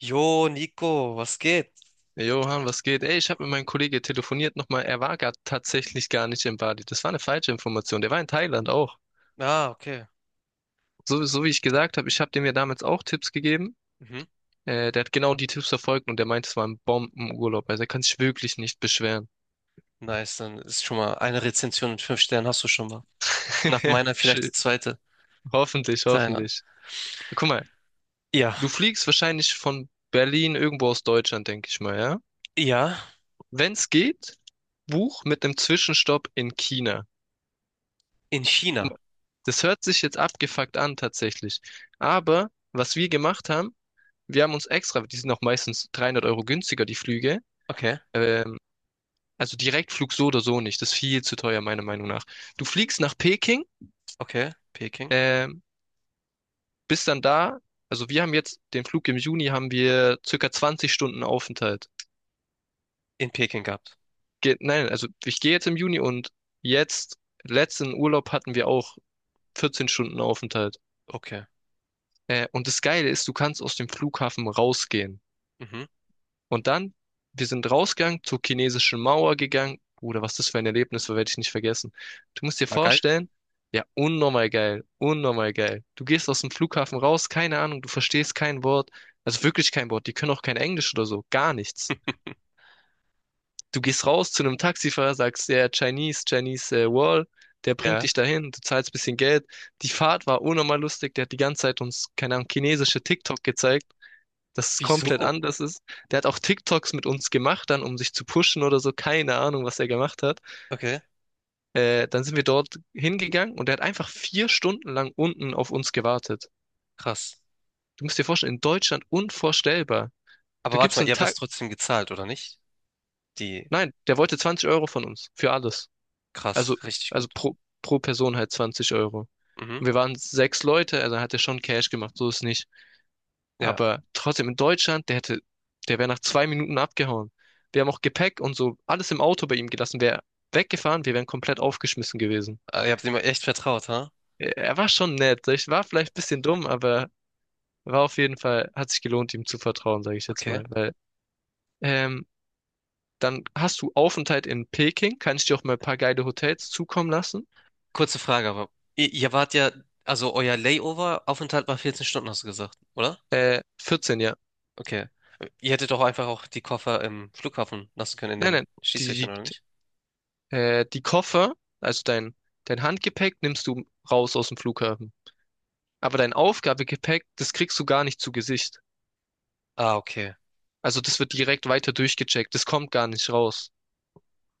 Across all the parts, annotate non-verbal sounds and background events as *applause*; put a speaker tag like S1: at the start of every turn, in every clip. S1: Jo, Nico, was geht?
S2: Hey Johann, was geht? Ey, ich habe mit meinem Kollegen telefoniert nochmal. Er war gar tatsächlich gar nicht in Bali. Das war eine falsche Information. Der war in Thailand auch.
S1: Ah, okay.
S2: So wie ich gesagt habe, ich habe dem ja damals auch Tipps gegeben.
S1: Mhm.
S2: Der hat genau die Tipps verfolgt und der meint, es war ein Bombenurlaub. Also er kann sich wirklich nicht beschweren.
S1: Nice, dann ist schon mal eine Rezension mit fünf Sternen hast du schon mal. Nach
S2: *laughs*
S1: meiner vielleicht
S2: Schön.
S1: die zweite.
S2: Hoffentlich,
S1: Thailand.
S2: hoffentlich. Guck mal,
S1: Ja,
S2: du fliegst wahrscheinlich von Berlin irgendwo aus Deutschland, denke ich mal, ja?
S1: ja,
S2: Wenn es geht, buch mit einem Zwischenstopp in China.
S1: in China.
S2: Das hört sich jetzt abgefuckt an, tatsächlich. Aber was wir gemacht haben, wir haben uns extra, die sind auch meistens 300 Euro günstiger, die Flüge.
S1: Okay,
S2: Ähm, also Direktflug so oder so nicht. Das ist viel zu teuer, meiner Meinung nach. Du fliegst nach Peking,
S1: okay, Peking.
S2: ähm, bist dann da. Also wir haben jetzt den Flug im Juni, haben wir circa 20 Stunden Aufenthalt.
S1: In Peking gehabt.
S2: Ge nein, also ich gehe jetzt im Juni und jetzt, letzten Urlaub hatten wir auch 14 Stunden Aufenthalt.
S1: Okay.
S2: Und das Geile ist, du kannst aus dem Flughafen rausgehen.
S1: Mhm.
S2: Und dann, wir sind rausgegangen, zur chinesischen Mauer gegangen. Bruder, was das für ein Erlebnis war, werde ich nicht vergessen. Du musst dir
S1: War geil.
S2: vorstellen, ja, unnormal geil, unnormal geil. Du gehst aus dem Flughafen raus, keine Ahnung, du verstehst kein Wort, also wirklich kein Wort, die können auch kein Englisch oder so, gar nichts. Du gehst raus zu einem Taxifahrer, sagst, ja, Chinese, Chinese Wall, der bringt
S1: Ja.
S2: dich dahin, du zahlst ein bisschen Geld. Die Fahrt war unnormal lustig, der hat die ganze Zeit uns, keine Ahnung, chinesische TikTok gezeigt, das ist komplett
S1: Wieso?
S2: anders ist. Der hat auch TikToks mit uns gemacht, dann um sich zu pushen oder so, keine Ahnung, was er gemacht hat.
S1: Okay,
S2: Dann sind wir dort hingegangen und der hat einfach 4 Stunden lang unten auf uns gewartet.
S1: krass.
S2: Du musst dir vorstellen, in Deutschland unvorstellbar.
S1: Aber
S2: Du
S1: warte
S2: gibst
S1: mal, ihr
S2: einen
S1: habt das
S2: Tag,
S1: trotzdem gezahlt, oder nicht? Die,
S2: nein, der wollte 20 Euro von uns für alles. Also,
S1: krass, richtig
S2: also
S1: gut.
S2: pro Person halt 20 Euro.
S1: Mhm.
S2: Und wir waren sechs Leute, also hat er schon Cash gemacht, so ist nicht.
S1: Ja.
S2: Aber trotzdem in Deutschland, der wäre nach 2 Minuten abgehauen. Wir haben auch Gepäck und so alles im Auto bei ihm gelassen, wäre weggefahren, wir wären komplett aufgeschmissen gewesen.
S1: Ah, ihr habt ihm echt vertraut, ha?
S2: Er war schon nett, ich war vielleicht ein bisschen dumm, aber war auf jeden Fall, hat sich gelohnt, ihm zu vertrauen, sage ich jetzt
S1: Okay.
S2: mal, weil ähm, dann hast du Aufenthalt in Peking, kann ich dir auch mal ein paar geile Hotels zukommen lassen.
S1: Kurze Frage, aber ihr wart ja, also euer Layover-Aufenthalt war 14 Stunden, hast du gesagt, oder?
S2: 14, ja.
S1: Okay. Ihr hättet doch einfach auch die Koffer im Flughafen lassen können, in
S2: Nein,
S1: den
S2: nein, die,
S1: Schließfächern,
S2: die,
S1: oder nicht?
S2: die Koffer, also dein Handgepäck nimmst du raus aus dem Flughafen. Aber dein Aufgabegepäck, das kriegst du gar nicht zu Gesicht.
S1: Ah, okay.
S2: Also das wird direkt weiter durchgecheckt. Das kommt gar nicht raus.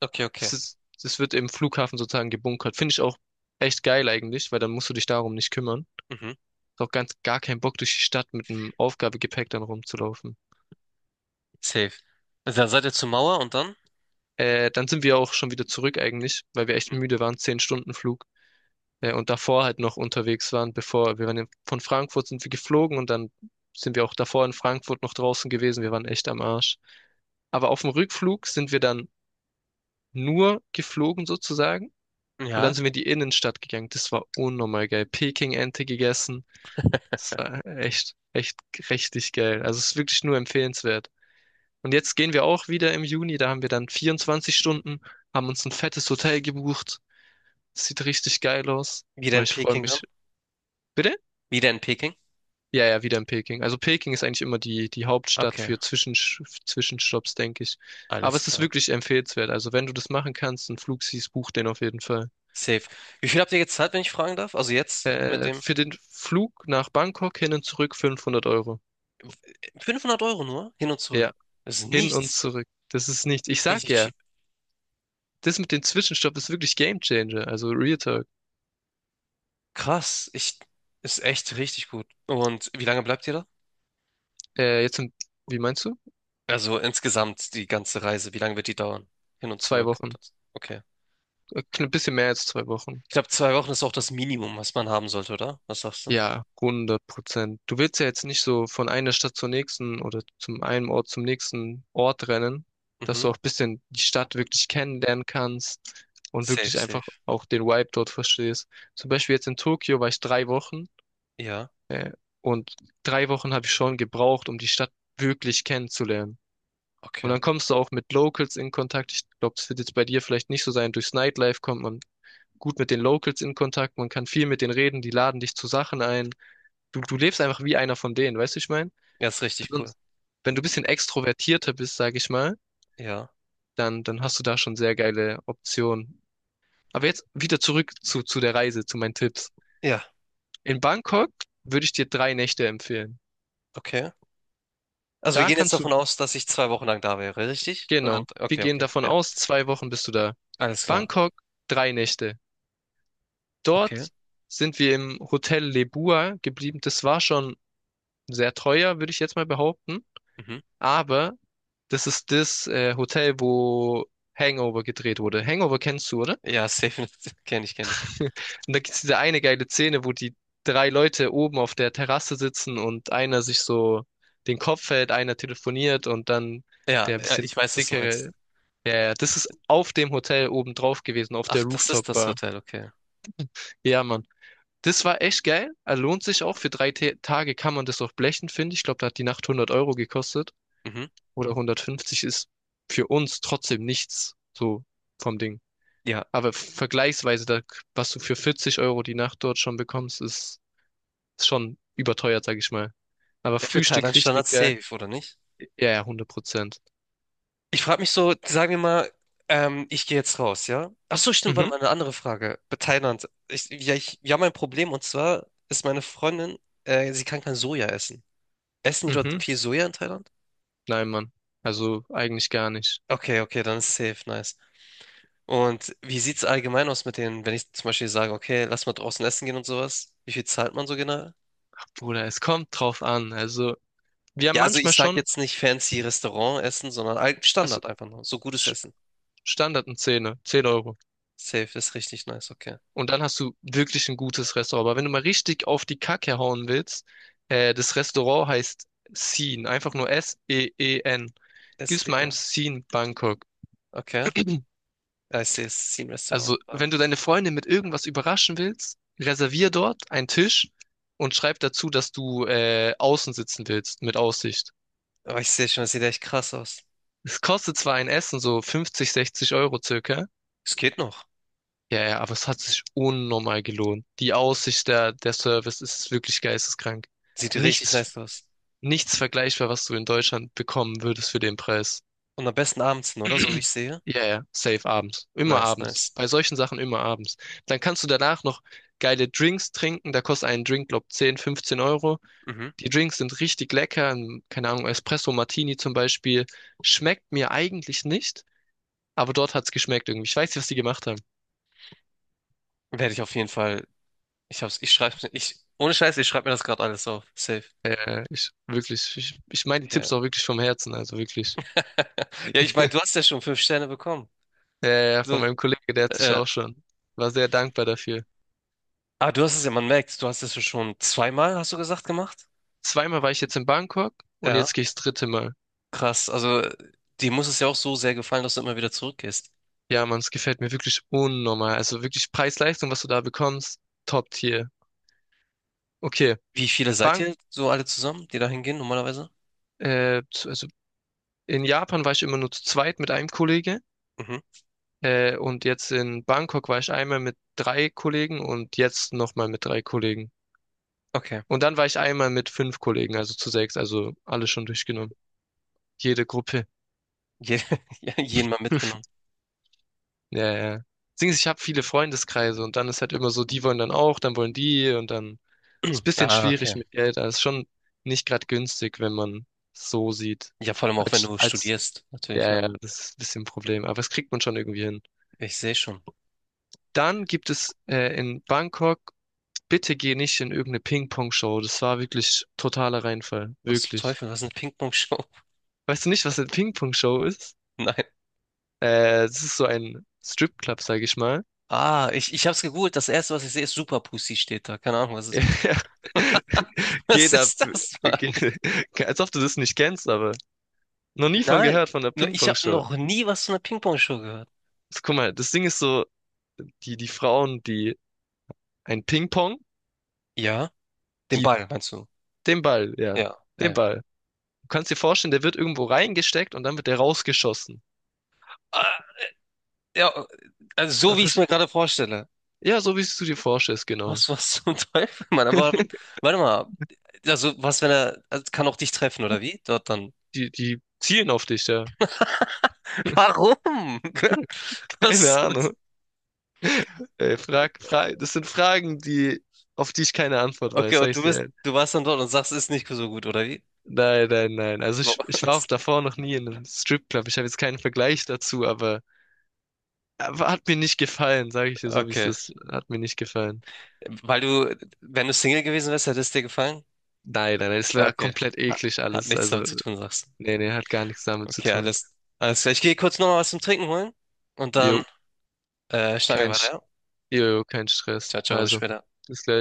S1: Okay, okay.
S2: Das ist, Das wird im Flughafen sozusagen gebunkert. Finde ich auch echt geil eigentlich, weil dann musst du dich darum nicht kümmern.
S1: Mhm.
S2: Ist auch ganz gar kein Bock durch die Stadt mit einem Aufgabegepäck dann rumzulaufen.
S1: Safe. Also dann seid ihr zur Mauer und dann?
S2: Dann sind wir auch schon wieder zurück eigentlich, weil wir echt müde waren. 10 Stunden Flug. Und davor halt noch unterwegs waren, bevor wir waren in, von Frankfurt sind wir geflogen und dann sind wir auch davor in Frankfurt noch draußen gewesen. Wir waren echt am Arsch. Aber auf dem Rückflug sind wir dann nur geflogen sozusagen und dann
S1: Ja.
S2: sind wir in die Innenstadt gegangen. Das war unnormal geil. Peking-Ente gegessen. Das war echt, echt richtig geil. Also es ist wirklich nur empfehlenswert. Und jetzt gehen wir auch wieder im Juni. Da haben wir dann 24 Stunden, haben uns ein fettes Hotel gebucht. Sieht richtig geil aus.
S1: Wieder
S2: Boah,
S1: in
S2: ich freue
S1: Peking dann?
S2: mich. Bitte?
S1: Wieder in Peking?
S2: Ja, ja, wieder in Peking. Also Peking ist eigentlich immer die Hauptstadt
S1: Okay,
S2: für Zwischensch Zwischenstopps, denke ich. Aber
S1: alles
S2: es ist
S1: klar.
S2: wirklich empfehlenswert. Also wenn du das machen kannst, einen Flug siehst, buch den auf jeden Fall.
S1: Safe. Wie viel habt ihr gezahlt, wenn ich fragen darf? Also jetzt mit dem
S2: Für den Flug nach Bangkok hin und zurück 500 Euro.
S1: 500 € nur, hin und zurück.
S2: Ja,
S1: Das ist
S2: hin und
S1: nichts.
S2: zurück. Das ist nicht, ich sag
S1: Richtig
S2: ja,
S1: cheap.
S2: das mit dem Zwischenstopp ist wirklich Game Changer. Also Real Talk.
S1: Krass, ich ist echt richtig gut. Und wie lange bleibt ihr da?
S2: Jetzt, in, wie meinst du?
S1: Also insgesamt die ganze Reise, wie lange wird die dauern? Hin und
S2: Zwei
S1: zurück und
S2: Wochen.
S1: das. Okay.
S2: Ein bisschen mehr als 2 Wochen.
S1: Ich glaube, 2 Wochen ist auch das Minimum, was man haben sollte, oder? Was sagst du?
S2: Ja, 100%. Du willst ja jetzt nicht so von einer Stadt zur nächsten oder zum einem Ort zum nächsten Ort rennen, dass
S1: Mhm.
S2: du auch ein bisschen die Stadt wirklich kennenlernen kannst und
S1: Safe,
S2: wirklich einfach
S1: safe.
S2: auch den Vibe dort verstehst. Zum Beispiel jetzt in Tokio war ich 3 Wochen,
S1: Ja,
S2: äh, und 3 Wochen habe ich schon gebraucht, um die Stadt wirklich kennenzulernen. Und
S1: okay.
S2: dann kommst du auch mit Locals in Kontakt. Ich glaube, das wird jetzt bei dir vielleicht nicht so sein. Durchs Nightlife kommt man gut mit den Locals in Kontakt. Man kann viel mit denen reden. Die laden dich zu Sachen ein. Du lebst einfach wie einer von denen, weißt du, ich meine?
S1: Ja, ist richtig cool.
S2: Sonst, wenn du ein bisschen extrovertierter bist, sage ich mal,
S1: Ja.
S2: dann hast du da schon sehr geile Optionen. Aber jetzt wieder zurück zu der Reise, zu meinen Tipps.
S1: Ja,
S2: In Bangkok würde ich dir 3 Nächte empfehlen.
S1: okay. Also wir
S2: Da
S1: gehen jetzt
S2: kannst du,
S1: davon aus, dass ich 2 Wochen lang da wäre, richtig? Und
S2: genau,
S1: dann,
S2: wir
S1: okay,
S2: gehen
S1: okay.
S2: davon
S1: Ja.
S2: aus, 2 Wochen bist du da.
S1: Alles klar.
S2: Bangkok, 3 Nächte. Dort
S1: Okay.
S2: sind wir im Hotel Lebua geblieben. Das war schon sehr teuer, würde ich jetzt mal behaupten.
S1: Mhm.
S2: Aber das ist das Hotel, wo Hangover gedreht wurde. Hangover kennst du, oder?
S1: Ja, safe. *laughs* Kenne ich, kenne ich.
S2: *laughs* Und da gibt's diese eine geile Szene, wo die drei Leute oben auf der Terrasse sitzen und einer sich so den Kopf hält, einer telefoniert und dann
S1: Ja,
S2: der
S1: ja,
S2: bisschen
S1: ich weiß, was du meinst.
S2: dickere. Ja, ja, das ist auf dem Hotel oben drauf gewesen, auf der
S1: Ach, das ist das
S2: Rooftop-Bar.
S1: Hotel, okay.
S2: Ja, Mann. Das war echt geil. Lohnt sich auch. Für drei Tage kann man das auch blechen, finde ich. Ich glaube, da hat die Nacht 100 Euro gekostet.
S1: Mhm.
S2: Oder 150 ist für uns trotzdem nichts. So vom Ding.
S1: Ja.
S2: Aber vergleichsweise, da, was du für 40 Euro die Nacht dort schon bekommst, ist schon überteuert, sag ich mal. Aber
S1: Ja, für
S2: Frühstück
S1: Thailand Standard
S2: richtig geil.
S1: safe, oder nicht?
S2: Ja, ja, 100%.
S1: Ich frage mich so, sagen wir mal, ich gehe jetzt raus, ja? Ach so, stimmt, warte
S2: Mhm,
S1: mal, eine andere Frage. Bei Thailand. Ja, wir haben ein Problem und zwar ist meine Freundin, sie kann kein Soja essen. Essen die dort
S2: mhm.
S1: viel Soja in Thailand?
S2: Nein, Mann. Also eigentlich gar nicht.
S1: Okay, okay, dann ist safe, nice. Und wie sieht's allgemein aus mit denen, wenn ich zum Beispiel sage, okay, lass mal draußen essen gehen und sowas? Wie viel zahlt man so genau?
S2: Bruder, es kommt drauf an. Also, wir haben
S1: Ja, also
S2: manchmal
S1: ich sag
S2: schon,
S1: jetzt nicht fancy Restaurant essen, sondern
S2: also
S1: Standard einfach nur. So gutes
S2: Sch-
S1: Essen.
S2: Standard ein Zehner, 10 Euro.
S1: Safe ist richtig nice, okay.
S2: Und dann hast du wirklich ein gutes Restaurant. Aber wenn du mal richtig auf die Kacke hauen willst, das Restaurant heißt Seen, einfach nur Seen.
S1: Es,
S2: Gib's mal ein
S1: ja,
S2: Seen Bangkok.
S1: okay. Ja, ich sehe, es ist ein Restaurant.
S2: Also,
S1: Ja.
S2: wenn du deine Freundin mit irgendwas überraschen willst, reservier dort einen Tisch und schreib dazu, dass du außen sitzen willst, mit Aussicht.
S1: Aber ich sehe schon, es sieht echt krass aus.
S2: Es kostet zwar ein Essen so 50, 60 Euro circa.
S1: Es geht noch.
S2: Ja, ja, aber es hat sich unnormal gelohnt. Die Aussicht, der Service ist wirklich geisteskrank.
S1: Sieht richtig
S2: Nichts,
S1: nice aus.
S2: nichts vergleichbar, was du in Deutschland bekommen würdest für den Preis.
S1: Und am besten abends hin, oder? So wie ich sehe.
S2: Ja, ja, safe abends. Immer
S1: Nice,
S2: abends.
S1: nice.
S2: Bei solchen Sachen immer abends. Dann kannst du danach noch geile Drinks trinken. Da kostet ein Drink, glaub, 10, 15 Euro.
S1: Mhm.
S2: Die Drinks sind richtig lecker. Ein, keine Ahnung, Espresso Martini zum Beispiel. Schmeckt mir eigentlich nicht, aber dort hat's geschmeckt irgendwie. Ich weiß nicht, was die gemacht haben.
S1: Werde ich auf jeden Fall. Ich hab's, ich schreib's mir. Ich, ohne Scheiß, ich schreibe mir das gerade alles auf. Safe.
S2: Ich meine die
S1: Ja.
S2: Tipps auch wirklich vom Herzen, also wirklich.
S1: *laughs* Ja, ich meine, du hast ja schon fünf Sterne bekommen.
S2: Ja, ja, ja,
S1: So,
S2: von meinem Kollegen, der hat sich
S1: äh,
S2: auch schon. War sehr dankbar dafür.
S1: ah, du hast es ja, man merkt, du hast es ja schon zweimal, hast du gesagt, gemacht?
S2: Zweimal war ich jetzt in Bangkok und
S1: Ja,
S2: jetzt gehe ich das dritte Mal.
S1: krass. Also, dir muss es ja auch so sehr gefallen, dass du immer wieder zurückgehst.
S2: Ja, Mann, es gefällt mir wirklich unnormal. Also wirklich Preis-Leistung, was du da bekommst, Top-Tier. Okay,
S1: Wie viele seid
S2: Bank,
S1: ihr so alle zusammen, die da hingehen normalerweise?
S2: also in Japan war ich immer nur zu zweit mit einem Kollege.
S1: Mhm.
S2: Und jetzt in Bangkok war ich einmal mit drei Kollegen und jetzt nochmal mit drei Kollegen.
S1: Okay.
S2: Und dann war ich einmal mit fünf Kollegen, also zu sechs, also alle schon durchgenommen. Jede Gruppe.
S1: Je, *laughs* ja, jeden mal mitgenommen.
S2: Ja, ja. Deswegen, ich habe viele Freundeskreise und dann ist halt immer so, die wollen dann auch, dann wollen die und dann ist ein
S1: *clears throat*
S2: bisschen
S1: Ah, okay.
S2: schwierig mit Geld. Das ist schon nicht gerade günstig, wenn man so sieht.
S1: Ja, vor allem auch wenn
S2: Als,
S1: du
S2: als,
S1: studierst, natürlich, ne?
S2: ja, ja, das ist ein bisschen ein Problem, aber das kriegt man schon irgendwie hin.
S1: Ich sehe schon.
S2: Dann gibt es in Bangkok, bitte geh nicht in irgendeine Ping-Pong-Show. Das war wirklich totaler Reinfall.
S1: Was zum
S2: Wirklich.
S1: Teufel, was ist eine Ping-Pong-Show?
S2: Weißt du nicht, was eine Ping-Pong-Show ist?
S1: *laughs* Nein.
S2: Es ist so ein Stripclub, sag ich mal.
S1: Ah, ich hab's gegoogelt. Das erste, was ich sehe, ist Super Pussy steht da. Keine Ahnung, was
S2: Ja,
S1: ist.
S2: *laughs*
S1: *laughs* Was
S2: geht ab.
S1: ist das, Mann?
S2: Geht, *laughs* als ob du das nicht kennst, aber noch nie von
S1: Nein.
S2: gehört, von der
S1: Nur Ich habe
S2: Ping-Pong-Show.
S1: noch nie was von einer Ping-Pong-Show gehört.
S2: Also, guck mal, das Ding ist so, die Frauen, die ein Ping-Pong,
S1: Ja? Den
S2: die,
S1: Ball, meinst du?
S2: den Ball, ja,
S1: Ja, ja,
S2: den
S1: ja.
S2: Ball. Du kannst dir vorstellen, der wird irgendwo reingesteckt und dann wird der rausgeschossen.
S1: Ah, ja, also so
S2: Das
S1: wie ich es
S2: ist-
S1: mir gerade vorstelle.
S2: Ja, so wie du dir vorstellst, genau.
S1: Was zum *laughs* Teufel, Mann? Aber
S2: *laughs*
S1: warte mal. Also, was, wenn er, also, kann auch dich treffen, oder wie? Dort dann.
S2: Die zielen auf dich, ja.
S1: Warum? *laughs*
S2: *laughs* Keine
S1: Was?
S2: Ahnung. Ey, frag, das sind Fragen, auf die ich keine Antwort
S1: Okay,
S2: weiß, sag
S1: und
S2: ich dir.
S1: du warst dann dort und sagst, ist nicht so gut, oder wie?
S2: Nein, nein, nein. Also ich war auch
S1: Was? *laughs*
S2: davor noch nie in einem Stripclub. Ich habe jetzt keinen Vergleich dazu, aber hat mir nicht gefallen, sage ich dir so, wie es
S1: Okay.
S2: ist. Hat mir nicht gefallen.
S1: Weil du, wenn du Single gewesen wärst, hätte es dir gefallen?
S2: Nein, nein, nein, es war
S1: Okay.
S2: komplett
S1: Ha-
S2: eklig
S1: Hat
S2: alles.
S1: nichts
S2: Also,
S1: damit zu tun, sagst du.
S2: nee, nee, hat gar nichts damit zu
S1: Okay,
S2: tun.
S1: alles klar. Ich gehe kurz nochmal was zum Trinken holen und dann
S2: Jo,
S1: schnacken
S2: kein,
S1: wir
S2: Sch-
S1: weiter. Ja?
S2: jo, kein Stress.
S1: Ciao, ciao, bis
S2: Also,
S1: später.
S2: bis gleich.